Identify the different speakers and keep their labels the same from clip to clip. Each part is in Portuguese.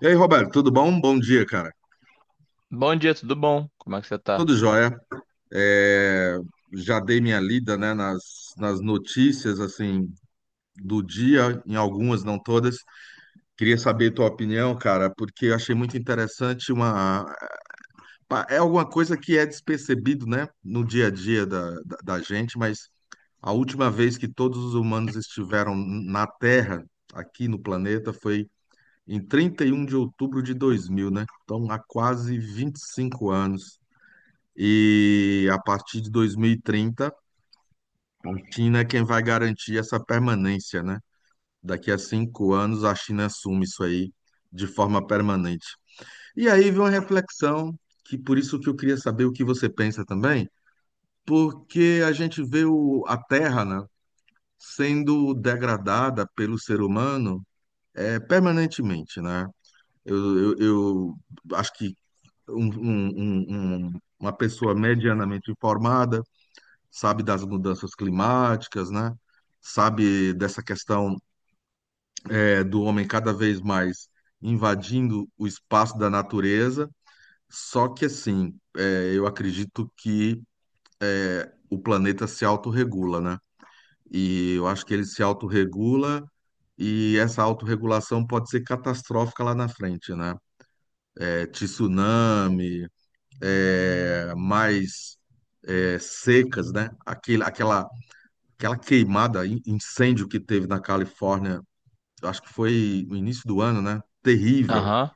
Speaker 1: E aí, Roberto, tudo bom? Bom dia, cara.
Speaker 2: Bom dia, tudo bom? Como é que você tá?
Speaker 1: Tudo jóia. É, já dei minha lida, né, nas notícias, assim, do dia, em algumas, não todas. Queria saber tua opinião, cara, porque eu achei muito interessante uma... É alguma coisa que é despercebido, né, no dia a dia da gente, mas a última vez que todos os humanos estiveram na Terra, aqui no planeta, foi em 31 de outubro de 2000, né? Então, há quase 25 anos. E a partir de 2030, a China é quem vai garantir essa permanência, né? Daqui a cinco anos, a China assume isso aí de forma permanente. E aí vem uma reflexão, que por isso que eu queria saber o que você pensa também, porque a gente vê a Terra, né, sendo degradada pelo ser humano, permanentemente, né? Eu, eu, eu acho que uma pessoa medianamente informada sabe das mudanças climáticas, né? Sabe dessa questão, do homem cada vez mais invadindo o espaço da natureza. Só que assim, é, eu acredito que o planeta se autorregula, né? E eu acho que ele se autorregula e essa autorregulação pode ser catastrófica lá na frente, né? É, tsunami, é, mais secas, né? Aquele, aquela aquela queimada, incêndio que teve na Califórnia, eu acho que foi no início do ano, né? Terrível.
Speaker 2: Aham.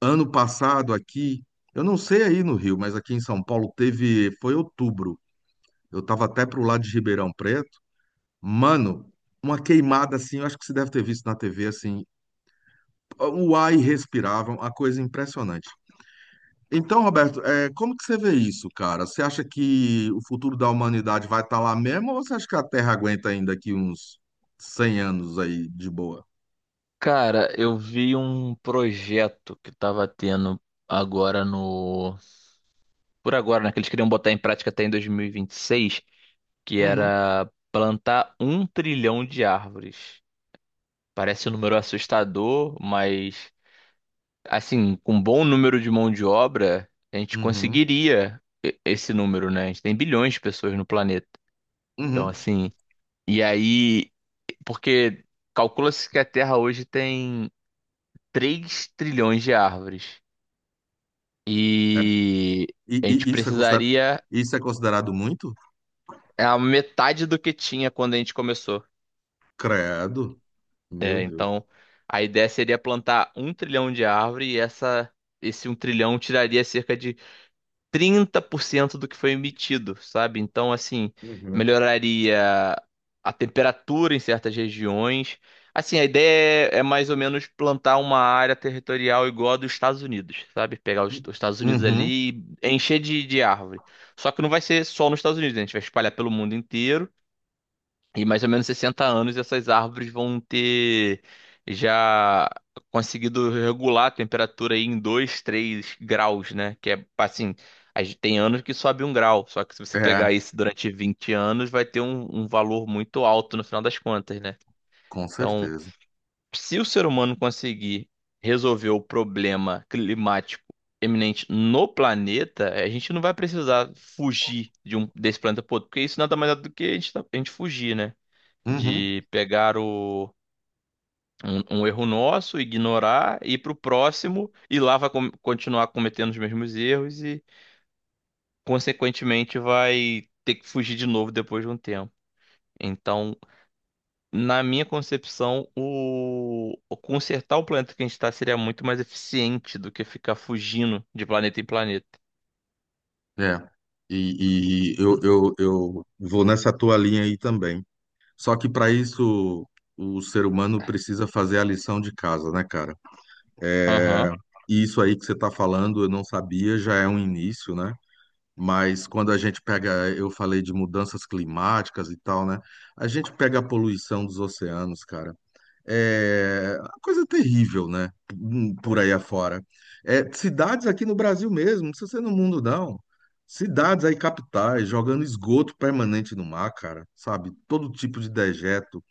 Speaker 1: Ano passado aqui, eu não sei aí no Rio, mas aqui em São Paulo teve, foi outubro. Eu tava até pro lado de Ribeirão Preto. Mano, uma queimada assim, eu acho que você deve ter visto na TV assim, o ar irrespirável, uma coisa impressionante. Então, Roberto, é, como que você vê isso, cara? Você acha que o futuro da humanidade vai estar lá mesmo ou você acha que a Terra aguenta ainda aqui uns 100 anos aí de boa?
Speaker 2: Cara, eu vi um projeto que tava tendo agora no. Por agora, né? Que eles queriam botar em prática até em 2026, que
Speaker 1: Uhum.
Speaker 2: era plantar um trilhão de árvores. Parece um número
Speaker 1: Da-
Speaker 2: assustador, mas assim, com um bom número de mão de obra, a gente
Speaker 1: Uhum.
Speaker 2: conseguiria esse número, né? A gente tem bilhões de pessoas no planeta. Então,
Speaker 1: Uhum.
Speaker 2: assim. E aí, porque calcula-se que a Terra hoje tem 3 trilhões de árvores.
Speaker 1: É,
Speaker 2: E
Speaker 1: e,
Speaker 2: a gente
Speaker 1: e
Speaker 2: precisaria
Speaker 1: isso é considerado muito?
Speaker 2: é a metade do que tinha quando a gente começou.
Speaker 1: Credo. Meu
Speaker 2: É,
Speaker 1: Deus.
Speaker 2: então, a ideia seria plantar um trilhão de árvore esse um trilhão tiraria cerca de 30% do que foi emitido, sabe? Então, assim,
Speaker 1: Uhum.
Speaker 2: melhoraria a temperatura em certas regiões. Assim, a ideia é mais ou menos plantar uma área territorial igual a dos Estados Unidos, sabe? Pegar os Estados Unidos
Speaker 1: Uhum.
Speaker 2: ali e encher de árvore. Só que não vai ser só nos Estados Unidos, né? A gente vai espalhar pelo mundo inteiro. E mais ou menos 60 anos essas árvores vão ter já conseguido regular a temperatura aí em 2, 3 graus, né? Que é assim, a gente tem anos que sobe um grau, só que se você
Speaker 1: É,
Speaker 2: pegar isso durante 20 anos, vai ter um valor muito alto no final das contas, né?
Speaker 1: com
Speaker 2: Então,
Speaker 1: certeza.
Speaker 2: se o ser humano conseguir resolver o problema climático eminente no planeta, a gente não vai precisar fugir de um, desse planeta pro outro, porque isso nada mais é do que a gente, a gente fugir, né?
Speaker 1: Uhum.
Speaker 2: de pegar um erro nosso, ignorar, ir para o próximo e lá vai continuar cometendo os mesmos erros e, consequentemente, vai ter que fugir de novo depois de um tempo. Então, na minha concepção, o consertar o planeta que a gente está seria muito mais eficiente do que ficar fugindo de planeta em planeta.
Speaker 1: É. E eu vou nessa tua linha aí também. Só que para isso o ser humano precisa fazer a lição de casa, né, cara?
Speaker 2: Aham.
Speaker 1: E isso aí que você está falando, eu não sabia, já é um início, né? Mas quando a gente pega, eu falei de mudanças climáticas e tal, né? A gente pega a poluição dos oceanos, cara. É uma coisa terrível, né? Por aí afora. É, cidades aqui no Brasil mesmo, não precisa ser no mundo, não. Cidades aí, capitais, jogando esgoto permanente no mar, cara, sabe? Todo tipo de dejeto.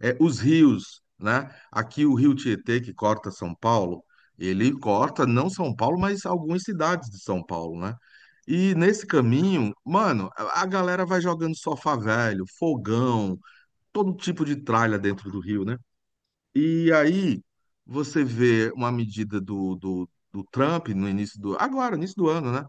Speaker 1: É, os rios, né? Aqui o Rio Tietê, que corta São Paulo, ele corta não São Paulo, mas algumas cidades de São Paulo, né? E nesse caminho, mano, a galera vai jogando sofá velho, fogão, todo tipo de tralha dentro do rio, né? E aí você vê uma medida do Trump no início do, agora, início do ano, né?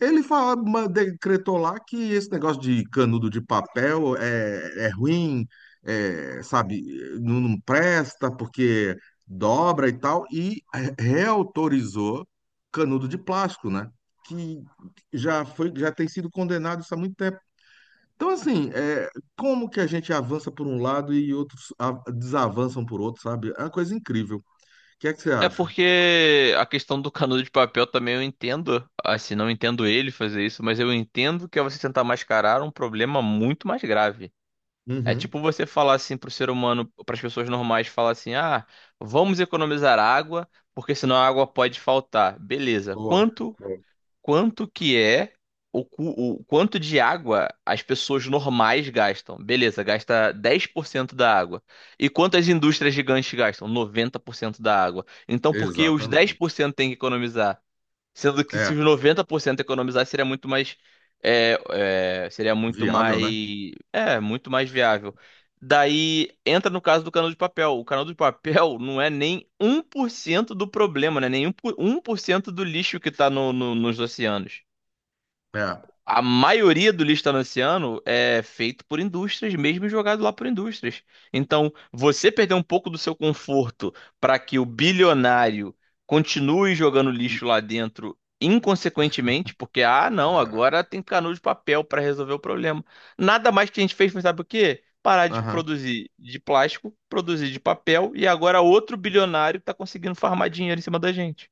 Speaker 1: Ele fala, decretou lá que esse negócio de canudo de papel é, é ruim, é, sabe, não presta porque dobra e tal, e reautorizou canudo de plástico, né? Que já foi, já tem sido condenado isso há muito tempo. Então, assim, é, como que a gente avança por um lado e outros desavançam por outro, sabe? É uma coisa incrível. O que é que você
Speaker 2: É
Speaker 1: acha?
Speaker 2: porque a questão do canudo de papel também eu entendo. Assim, não entendo ele fazer isso, mas eu entendo que é você tentar mascarar um problema muito mais grave. É
Speaker 1: Uhum.
Speaker 2: tipo você falar assim pro ser humano, para as pessoas normais, falar assim: ah, vamos economizar água, porque senão a água pode faltar. Beleza.
Speaker 1: Boa.
Speaker 2: Quanto
Speaker 1: Boa.
Speaker 2: quanto que é o, cu- o quanto de água as pessoas normais gastam. Beleza, gasta 10% da água. E quanto as indústrias gigantes gastam? Noventa por cento da água. Então, por que os dez por
Speaker 1: Exatamente.
Speaker 2: cento têm que economizar? Sendo que se
Speaker 1: É,
Speaker 2: os 90% economizar seria muito mais é, seria muito
Speaker 1: viável,
Speaker 2: mais
Speaker 1: né?
Speaker 2: muito mais viável. Daí entra no caso do canudo de papel. O canudo de papel não é nem um por cento do problema, né? Nem um por cento do lixo que está nos oceanos.
Speaker 1: É.
Speaker 2: A maioria do lixo talanciano é feito por indústrias, mesmo e jogado lá por indústrias. Então, você perder um pouco do seu conforto para que o bilionário continue jogando
Speaker 1: E-
Speaker 2: lixo lá dentro inconsequentemente, porque, ah, não,
Speaker 1: É,
Speaker 2: agora tem canudo de papel para resolver o problema. Nada mais que a gente fez, mas sabe o quê? Parar de
Speaker 1: aham,
Speaker 2: produzir de plástico, produzir de papel, e agora outro bilionário está conseguindo farmar dinheiro em cima da gente.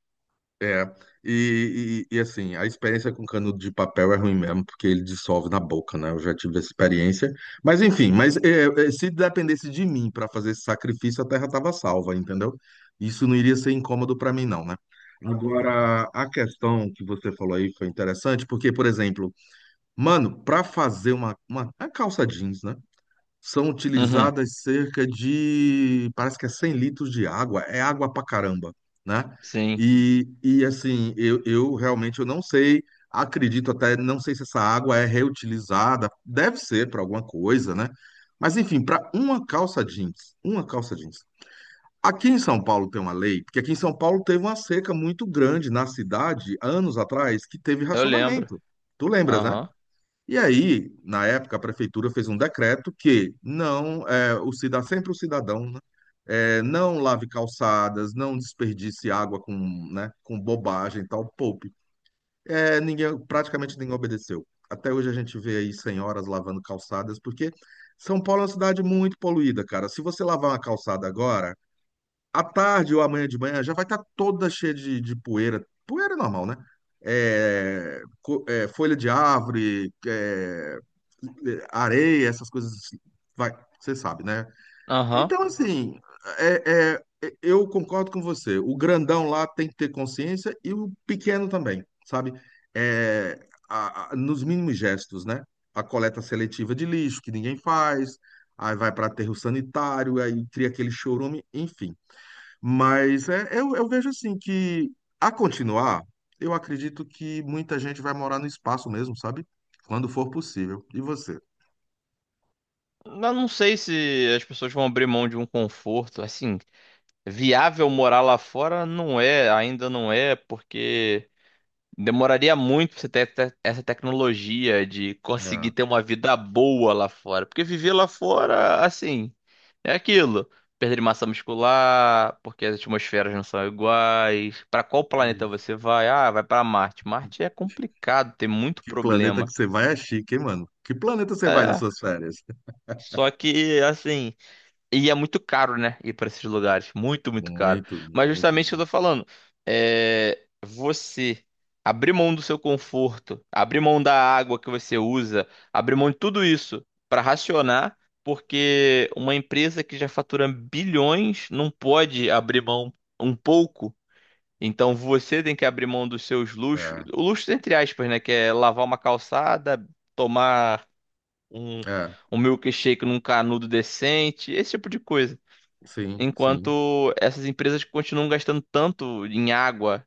Speaker 1: é. Assim, a experiência com canudo de papel é ruim mesmo, porque ele dissolve na boca, né? Eu já tive essa experiência. Mas enfim, se dependesse de mim para fazer esse sacrifício, a terra estava salva, entendeu? Isso não iria ser incômodo para mim, não, né? Agora, a questão que você falou aí foi interessante, porque, por exemplo, mano, para fazer uma calça jeans, né? São
Speaker 2: Uhum,
Speaker 1: utilizadas cerca de, parece que é 100 litros de água, é água pra caramba, né?
Speaker 2: sim,
Speaker 1: E assim, eu realmente eu não sei, acredito até, não sei se essa água é reutilizada, deve ser para alguma coisa, né? Mas enfim, para uma calça jeans, uma calça jeans. Aqui em São Paulo tem uma lei, porque aqui em São Paulo teve uma seca muito grande na cidade, anos atrás, que teve
Speaker 2: eu lembro.
Speaker 1: racionamento. Tu lembras, né?
Speaker 2: Aham,
Speaker 1: E aí, na época, a prefeitura fez um decreto que não, é, o cidadão sempre o cidadão, né, é, não lave calçadas, não desperdice água com, né, com bobagem e tal, poupe. É, ninguém, praticamente ninguém obedeceu. Até hoje a gente vê aí senhoras lavando calçadas, porque São Paulo é uma cidade muito poluída, cara. Se você lavar uma calçada agora, à tarde ou amanhã de manhã já vai estar toda cheia de poeira. Poeira é normal, né? É, é, folha de árvore, areia, essas coisas assim. Vai, você sabe, né?
Speaker 2: aham.
Speaker 1: Então, assim, eu concordo com você. O grandão lá tem que ter consciência e o pequeno também, sabe? É, nos mínimos gestos, né? A coleta seletiva de lixo, que ninguém faz, aí vai para aterro sanitário, aí cria aquele chorume, enfim. Mas é, eu vejo assim que, a continuar, eu acredito que muita gente vai morar no espaço mesmo, sabe? Quando for possível. E você?
Speaker 2: Eu não sei se as pessoas vão abrir mão de um conforto. Assim, viável morar lá fora não é, ainda não é, porque demoraria muito pra você ter essa tecnologia de conseguir
Speaker 1: É,
Speaker 2: ter uma vida boa lá fora. Porque viver lá fora, assim, é aquilo. Perda de massa muscular, porque as atmosferas não são iguais. Pra qual planeta
Speaker 1: isso.
Speaker 2: você vai? Ah, vai pra Marte. Marte é complicado, tem muito
Speaker 1: Que planeta que
Speaker 2: problema.
Speaker 1: você vai é chique, hein, mano? Que planeta você vai nas
Speaker 2: É,
Speaker 1: suas férias?
Speaker 2: só que, assim. E é muito caro, né? Ir para esses lugares. Muito, muito caro.
Speaker 1: Muito,
Speaker 2: Mas
Speaker 1: muito,
Speaker 2: justamente o que
Speaker 1: muito.
Speaker 2: eu tô falando. É você abrir mão do seu conforto, abrir mão da água que você usa, abrir mão de tudo isso para racionar, porque uma empresa que já fatura bilhões não pode abrir mão um pouco. Então você tem que abrir mão dos seus luxos,
Speaker 1: É,
Speaker 2: o luxo entre aspas, né? Que é lavar uma calçada, tomar um,
Speaker 1: é,
Speaker 2: um milkshake num canudo decente, esse tipo de coisa
Speaker 1: sim, sim.
Speaker 2: enquanto essas empresas continuam gastando tanto em água.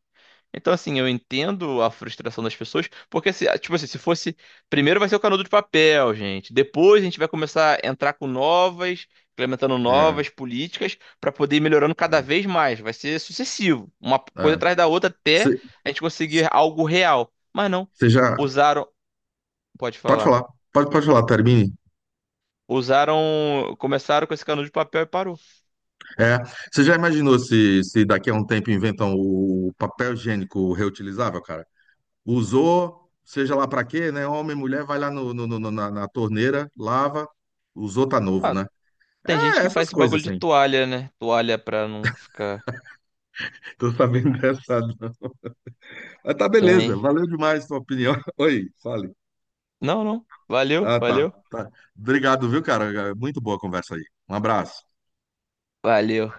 Speaker 2: Então, assim, eu entendo a frustração das pessoas, porque, se, tipo assim, se fosse. Primeiro vai ser o canudo de papel, gente. Depois a gente vai começar a entrar com novas, implementando
Speaker 1: É,
Speaker 2: novas políticas para poder ir melhorando cada
Speaker 1: é,
Speaker 2: vez mais. Vai ser sucessivo, uma coisa
Speaker 1: é.
Speaker 2: atrás da outra até
Speaker 1: Você
Speaker 2: a gente conseguir algo real. Mas não.
Speaker 1: você já.
Speaker 2: Usaram. Pode
Speaker 1: Pode
Speaker 2: falar.
Speaker 1: falar, pode falar, termine.
Speaker 2: Usaram. Começaram com esse canudo de papel e parou.
Speaker 1: É, você já imaginou se, se daqui a um tempo inventam o papel higiênico reutilizável, usou, seja lá para quê, né? Homem, mulher, vai lá no, na torneira, lava, usou, tá novo,
Speaker 2: Ah,
Speaker 1: né?
Speaker 2: tem gente
Speaker 1: É,
Speaker 2: que
Speaker 1: essas
Speaker 2: faz esse
Speaker 1: coisas,
Speaker 2: bagulho de
Speaker 1: assim.
Speaker 2: toalha, né? Toalha pra não ficar.
Speaker 1: Tô sabendo dessa, não. Mas tá beleza,
Speaker 2: Tem.
Speaker 1: valeu demais sua opinião. Oi, fale.
Speaker 2: Não, não. Valeu,
Speaker 1: Ah, tá,
Speaker 2: valeu.
Speaker 1: tá. Obrigado, viu, cara? É muito boa a conversa aí. Um abraço.
Speaker 2: Valeu.